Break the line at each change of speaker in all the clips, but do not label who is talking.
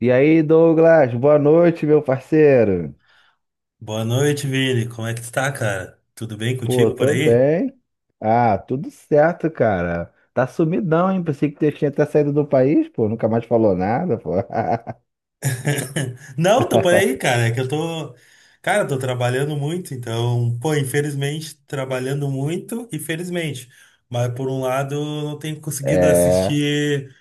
E aí, Douglas, boa noite, meu parceiro.
Boa noite, Vini. Como é que tu tá, cara? Tudo bem
Pô,
contigo por
tô
aí?
bem. Ah, tudo certo, cara. Tá sumidão, hein? Pensei que você tinha até saído do país, pô. Nunca mais falou nada, pô.
Não, tô por aí, cara. É que eu tô. Cara, tô trabalhando muito, então, pô, infelizmente, trabalhando muito, infelizmente. Mas por um lado, eu não tenho conseguido
É,
assistir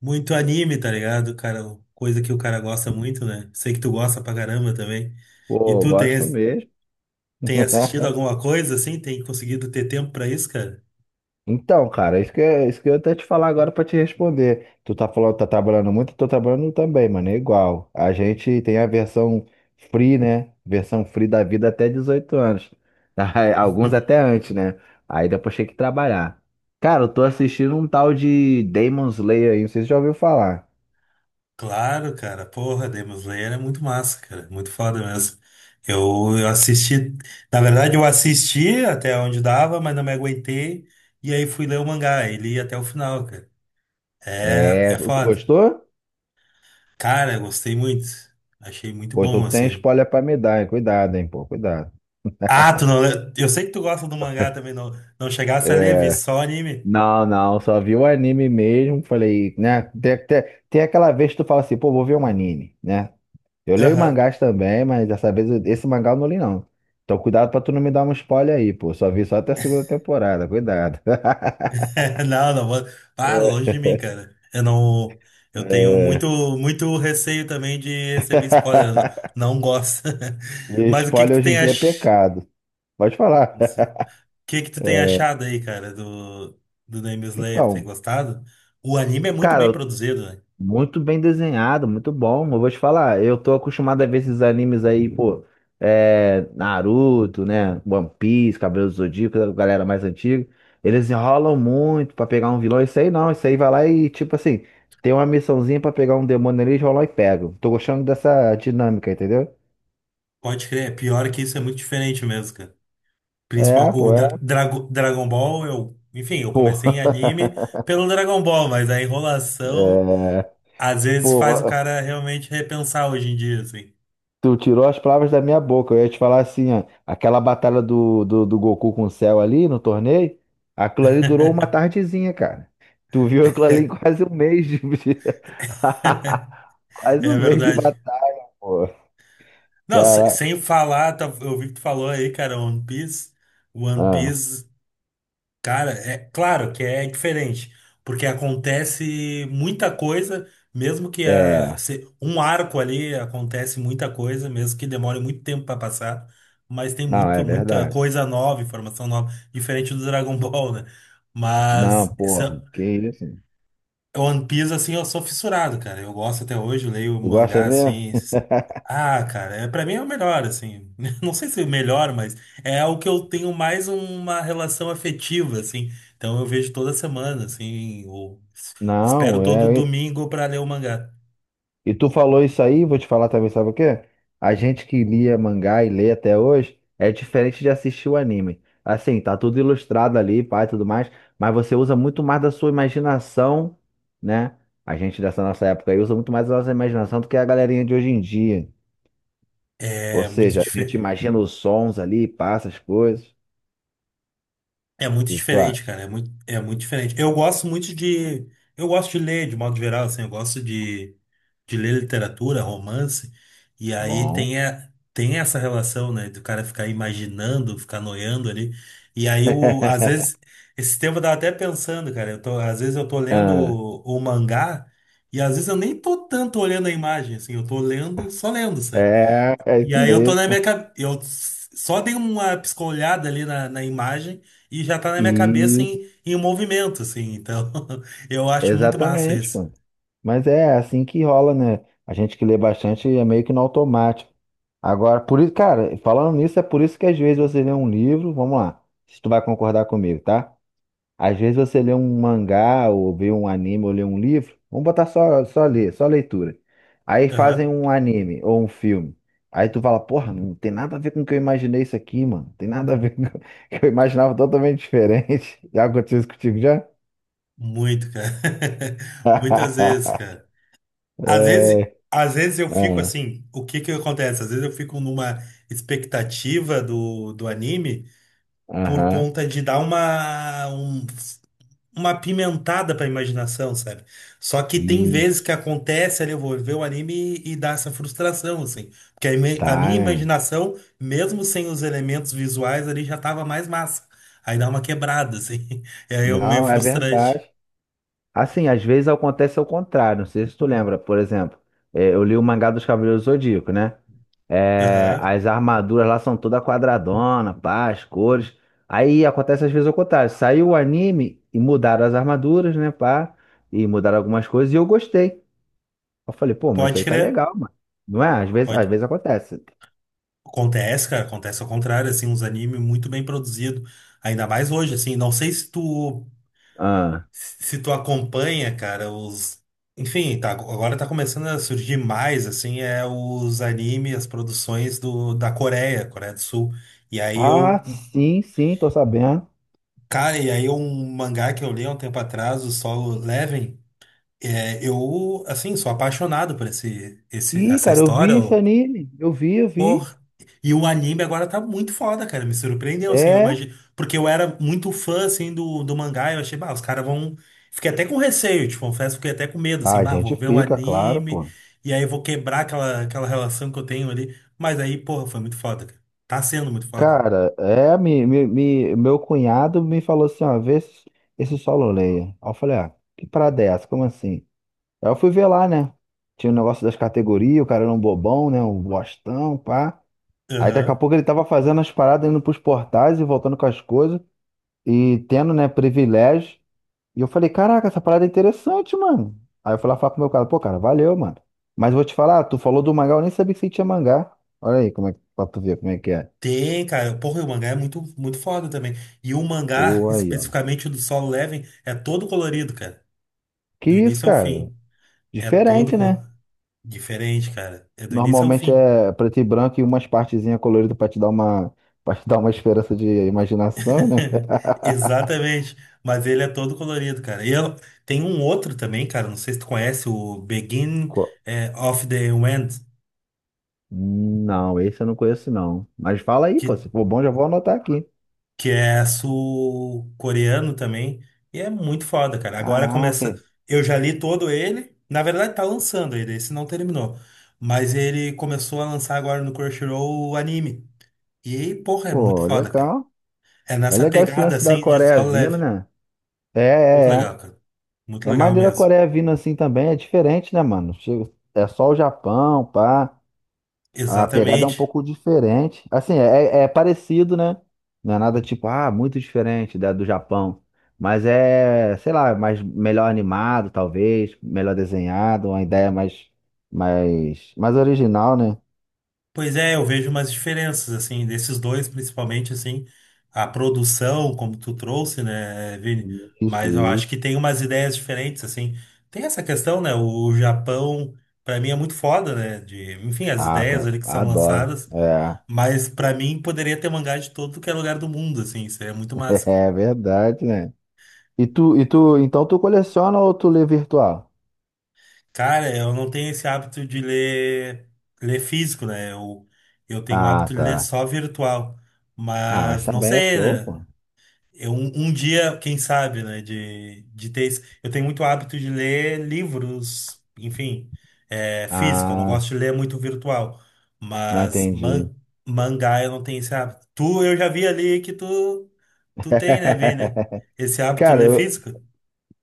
muito anime, tá ligado? Cara, coisa que o cara gosta muito, né? Sei que tu gosta pra caramba também. E
pô,
tu tem,
gosto mesmo.
tem assistido alguma coisa assim? Tem conseguido ter tempo pra isso, cara?
Então, cara, isso que eu ia até te falar agora pra te responder. Tu tá falando, tá trabalhando muito, eu tô trabalhando também, mano, é igual. A gente tem a versão free, né? Versão free da vida até 18 anos. Aí, alguns até antes, né? Aí depois tem que trabalhar. Cara, eu tô assistindo um tal de Demon Slayer aí, não sei se você já ouviu falar.
Claro, cara. Porra, Demon Slayer é muito massa, cara. Muito foda mesmo. Eu assisti. Na verdade, eu assisti até onde dava, mas não me aguentei. E aí fui ler o mangá. E li até o final, cara. É,
É,
é
tu
foda.
gostou?
Cara, eu gostei muito. Achei muito
Pô,
bom,
então tem
assim.
spoiler pra me dar, hein? Cuidado, hein, pô, cuidado.
Ah, tu não. Eu sei que tu gosta do mangá também. Não, não chegasse a ler, vi
É,
só anime.
não, não, só vi o anime mesmo. Falei, né? Tem aquela vez que tu fala assim, pô, vou ver um anime, né? Eu leio
Aham.
mangás também, mas esse mangá eu não li, não. Então cuidado pra tu não me dar um spoiler aí, pô. Só vi só até a segunda temporada, cuidado.
Não, não, ah, longe de mim, cara. Eu não, eu tenho muito,
É.
muito receio também de receber spoiler. Eu Não, não gosto.
E
Mas
spoiler hoje em dia é pecado. Pode falar.
o que que tu tem achado aí, cara, do Demon Slayer? Tem
Então,
gostado? O anime é muito bem
cara,
produzido, né?
muito bem desenhado, muito bom. Eu vou te falar, eu tô acostumado a ver esses animes aí, pô, é, Naruto, né? One Piece, Cavaleiros do Zodíaco, a galera mais antiga. Eles enrolam muito pra pegar um vilão. Isso aí não, isso aí vai lá e, tipo assim, tem uma missãozinha pra pegar um demônio ali, eles vão lá e pegam. Tô gostando dessa dinâmica, entendeu?
Pode crer. É pior que isso é muito diferente mesmo, cara.
É,
Principal, o
pô, é.
Dragon Ball, enfim, eu
Pô.
comecei em anime pelo Dragon Ball, mas a enrolação
É,
às vezes
pô.
faz o cara realmente repensar hoje em dia, assim.
Tu tirou as palavras da minha boca. Eu ia te falar assim, ó, aquela batalha do Goku com o Cell ali no torneio, aquilo ali durou uma tardezinha, cara. Tu viu aquilo ali em quase um mês de... quase
É
um mês de
verdade.
batalha, pô.
Não,
Caraca.
sem falar, eu vi que tu falou aí, cara, One Piece. One
Ah,
Piece, cara, é claro que é diferente, porque acontece muita coisa, mesmo que a,
é.
se- um arco ali acontece muita coisa, mesmo que demore muito tempo pra passar, mas tem
Não, é
muito, muita
verdade.
coisa nova, informação nova, diferente do Dragon Ball, né?
Não,
Mas
porra, que isso?
One Piece, assim, eu sou fissurado, cara. Eu gosto até hoje, leio
Tu gosta
mangá,
mesmo?
assim. Ah, cara, é, pra mim é o melhor, assim. Não sei se é o melhor, mas é o que eu tenho mais uma relação afetiva, assim. Então eu vejo toda semana, assim, ou
Não,
espero todo
é.
domingo pra ler o mangá.
E tu falou isso aí, vou te falar também, sabe o quê? A gente que lia mangá e lê até hoje é diferente de assistir o anime. Assim, tá tudo ilustrado ali, pai, tudo mais, mas você usa muito mais da sua imaginação, né? A gente dessa nossa época aí usa muito mais da nossa imaginação do que a galerinha de hoje em dia. Ou
É muito
seja, a gente
diferente.
imagina os sons ali, passa as coisas. O
É muito
que que tu
diferente,
acha?
cara. É muito diferente. Eu gosto muito de. Eu gosto de ler, de modo geral, assim. Eu gosto de ler literatura, romance. E aí
Bom.
tem, a, tem essa relação, né? Do cara ficar imaginando, ficar noiando ali. E aí, eu, às vezes, esse tempo eu tava até pensando, cara. Eu tô, às vezes eu tô lendo
Ah,
o mangá. E às vezes eu nem tô tanto olhando a imagem, assim. Eu tô lendo, só lendo, sabe?
é, é
E
isso
aí eu tô na
mesmo.
minha cabeça. Eu só dei uma piscolhada ali na imagem e já tá na minha cabeça
Isso.
em movimento, assim. Então, eu acho muito massa
Exatamente,
isso.
pô. Mas é assim que rola, né? A gente que lê bastante é meio que no automático. Agora, por isso, cara, falando nisso, é por isso que às vezes você lê um livro, vamos lá, se tu vai concordar comigo, tá? Às vezes você lê um mangá, ou vê um anime, ou lê um livro, vamos botar só, só ler, só leitura. Aí fazem
Aham.
um anime ou um filme. Aí tu fala, porra, não tem nada a ver com o que eu imaginei isso aqui, mano. Não tem nada a ver com o que eu imaginava totalmente diferente. Já aconteceu isso contigo já?
Muito, cara. Muitas vezes, cara.
É,
Às vezes eu fico
ah,
assim, o que que acontece? Às vezes eu fico numa expectativa do anime por
aham.
conta de dar uma pimentada pra imaginação, sabe? Só que tem vezes que
Isso.
acontece ali, eu vou ver o anime e dá essa frustração, assim. Porque a minha
Tá, né?
imaginação, mesmo sem os elementos visuais ali, já tava mais massa. Aí dá uma quebrada, assim. E aí é meio
Não, é
frustrante.
verdade. Assim, às vezes acontece ao contrário. Não sei se tu lembra, por exemplo, é, eu li o mangá dos Cavaleiros do Zodíaco, né? É,
Aham.
as armaduras lá são toda quadradona, pá, as cores. Aí acontece às vezes ao contrário. Saiu o anime e mudaram as armaduras, né, pá? E mudaram algumas coisas e eu gostei. Eu falei, pô, mas isso
Pode
aí tá
crer.
legal, mano. Não é? Às
Pode.
vezes acontece.
Acontece, cara. Acontece ao contrário, assim, uns animes muito bem produzidos. Ainda mais hoje, assim. Não sei se tu
Ah,
acompanha, cara, os. Enfim, tá, agora tá começando a surgir mais, assim, é os animes, as produções da Coreia do Sul. E aí
ah,
eu.
sim, sim, tô sabendo.
Cara, e aí um mangá que eu li há um tempo atrás, o Solo Leveling, é, eu, assim, sou apaixonado por esse, esse,
Ih,
essa
cara, eu
história.
vi esse anime. Eu vi, eu vi.
Porra. E o anime agora tá muito foda, cara. Me surpreendeu, assim, eu
É.
imagino. Porque eu era muito fã, assim, do mangá. Eu achei, bah, os caras vão. Fiquei até com receio, te confesso, fiquei até com medo, assim,
A
bah, vou
gente
ver o
fica, claro,
anime.
pô.
E aí vou quebrar aquela relação que eu tenho ali. Mas aí, porra, foi muito foda, cara. Tá sendo muito foda.
Cara, é, meu cunhado me falou assim, ó, vê esse, esse Solo Leia. Aí eu falei, ah, que parada é essa? Como assim? Aí eu fui ver lá, né? Tinha o negócio das categorias, o cara era um bobão, né? Um bostão, pá. Aí daqui a
Aham.
pouco ele tava fazendo as paradas, indo pros portais e voltando com as coisas. E tendo, né, privilégio. E eu falei, caraca, essa parada é interessante, mano. Aí eu fui lá falar pro meu cara, pô, cara, valeu, mano. Mas vou te falar, tu falou do mangá, eu nem sabia que você tinha mangá. Olha aí, pra tu ver como é que é.
Tem, cara. Porra, e o mangá é muito, muito foda também. E o mangá,
Pô, aí, ó.
especificamente o do Solo Leveling, é todo colorido, cara.
Que
Do
isso,
início ao
cara?
fim. É todo
Diferente, né?
colorido. Diferente, cara. É do início ao
Normalmente
fim.
é preto e branco e umas partezinhas coloridas pra te dar uma, pra te dar uma esperança de imaginação, né?
Exatamente. Mas ele é todo colorido, cara. E eu, tem um outro também, cara. Não sei se tu conhece, o Begin
Co-
of the End,
Não, esse eu não conheço, não. Mas fala aí, pô,
que,
se for bom, já vou anotar aqui.
que é sul-coreano também. E é muito foda, cara. Agora
Caraca,
começa. Eu já li todo ele. Na verdade, tá lançando ele, esse não terminou. Mas ele começou a lançar agora no Crunchyroll o anime. E, porra, é muito
pô,
foda, cara.
legal.
É
É
nessa
legal esse
pegada
lance da
assim de
Coreia
solo
vindo,
leve.
né? É,
Muito
é, é.
legal, cara. Muito
É
legal
maneiro a
mesmo.
Coreia vindo assim também, é diferente, né, mano? É só o Japão, pá. A pegada é um
Exatamente.
pouco diferente. Assim, é, é parecido, né? Não é nada tipo, ah, muito diferente da do Japão. Mas é, sei lá, mais melhor animado, talvez, melhor desenhado, uma ideia mais, mais original, né?
Pois é, eu vejo umas diferenças, assim, desses dois, principalmente, assim, a produção, como tu trouxe, né, Vini? Mas
Isso,
eu acho que
isso.
tem umas ideias diferentes, assim. Tem essa questão, né, o Japão, pra mim, é muito foda, né, de, enfim, as
Ah,
ideias
tá.
ali que são
Adoro.
lançadas,
É,
mas pra mim poderia ter mangá de todo que é lugar do mundo, assim, seria muito massa.
é verdade, né? Então tu coleciona ou tu lê virtual?
Cara, eu não tenho esse hábito de ler, físico, né, eu tenho o
Ah,
hábito de ler
tá.
só virtual,
Ah, mas
mas não
também é
sei,
show,
né?
pô.
Eu, um dia, quem sabe, né, de ter. Eu tenho muito hábito de ler livros, enfim, é, físico. Eu não
Ah,
gosto de ler muito virtual.
não
Mas
entendi.
mangá eu não tenho esse hábito. Eu já vi ali que tu tem, né, Vini? Esse hábito de
Cara,
ler
eu,
físico?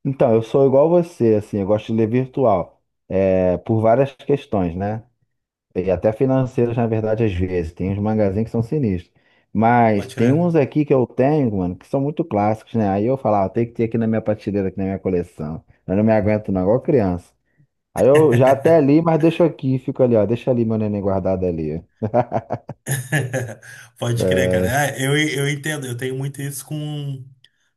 então, eu sou igual você, assim, eu gosto de ler virtual, é, por várias questões, né? E até financeiras, na verdade, às vezes. Tem uns magazines que são sinistros. Mas
Pode
tem
ler.
uns aqui que eu tenho, mano, que são muito clássicos, né? Aí eu falo, ah, tem que ter aqui na minha prateleira, aqui na minha coleção. Eu não me aguento não, igual criança. Aí eu já até li, mas deixo aqui, fico ali, ó, deixa ali meu neném guardado ali.
Pode crer,
É,
cara. Ah, eu entendo, eu tenho muito isso com,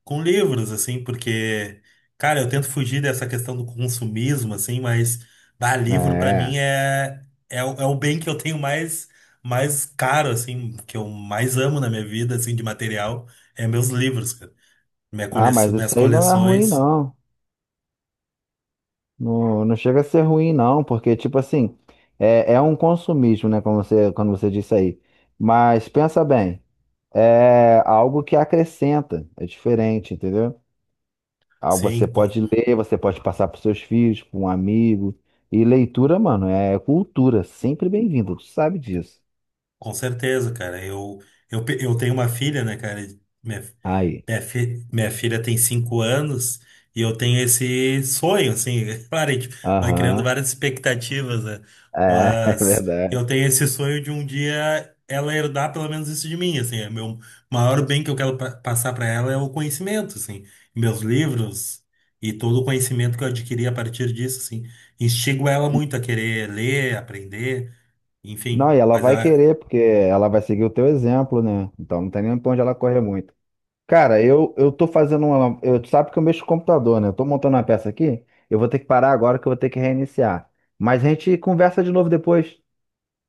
com livros, assim, porque, cara, eu tento fugir dessa questão do consumismo, assim, mas, bah, livro pra mim
é.
é o bem que eu tenho mais caro, assim, que eu mais amo na minha vida, assim, de material, é meus livros, cara. Minha
Ah,
coleção,
mas
minhas
isso aí não é ruim,
coleções,
não. Não, não chega a ser ruim, não, porque, tipo assim, é, é um consumismo, né? Como você, quando você disse aí. Mas pensa bem, é algo que acrescenta, é diferente, entendeu? Ah, você
sim,
pode ler, você pode passar para seus filhos, para um amigo. E leitura, mano, é cultura, sempre bem-vinda, tu sabe disso.
com certeza, cara. Eu tenho uma filha, né, cara? Minha,
Aí,
minha filha tem 5 anos e eu tenho esse sonho, assim. Claro, a gente vai criando
aham,
várias expectativas, né?
é, é
Mas
verdade.
eu tenho esse sonho de um dia ela herdar pelo menos isso de mim, assim. É meu maior bem que eu quero passar para ela é o conhecimento, assim. Meus livros e todo o conhecimento que eu adquiri a partir disso, assim. Instigo ela muito a querer ler, aprender, enfim.
Não, e ela
Mas
vai
ela.
querer, porque ela vai seguir o teu exemplo, né? Então não tem nem pra onde ela correr muito. Cara, eu tô fazendo uma. Eu, tu sabe que eu mexo com o computador, né? Eu tô montando uma peça aqui. Eu vou ter que parar agora que eu vou ter que reiniciar. Mas a gente conversa de novo depois.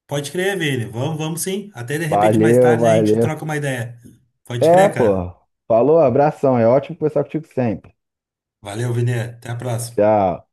Pode crer, Vini. Vamos, vamos sim. Até de repente mais
Valeu,
tarde a gente
valeu.
troca uma ideia. Pode
É,
crer, cara.
pô. Falou, abração. É ótimo conversar contigo sempre.
Valeu, Vini. Até a próxima.
Tchau.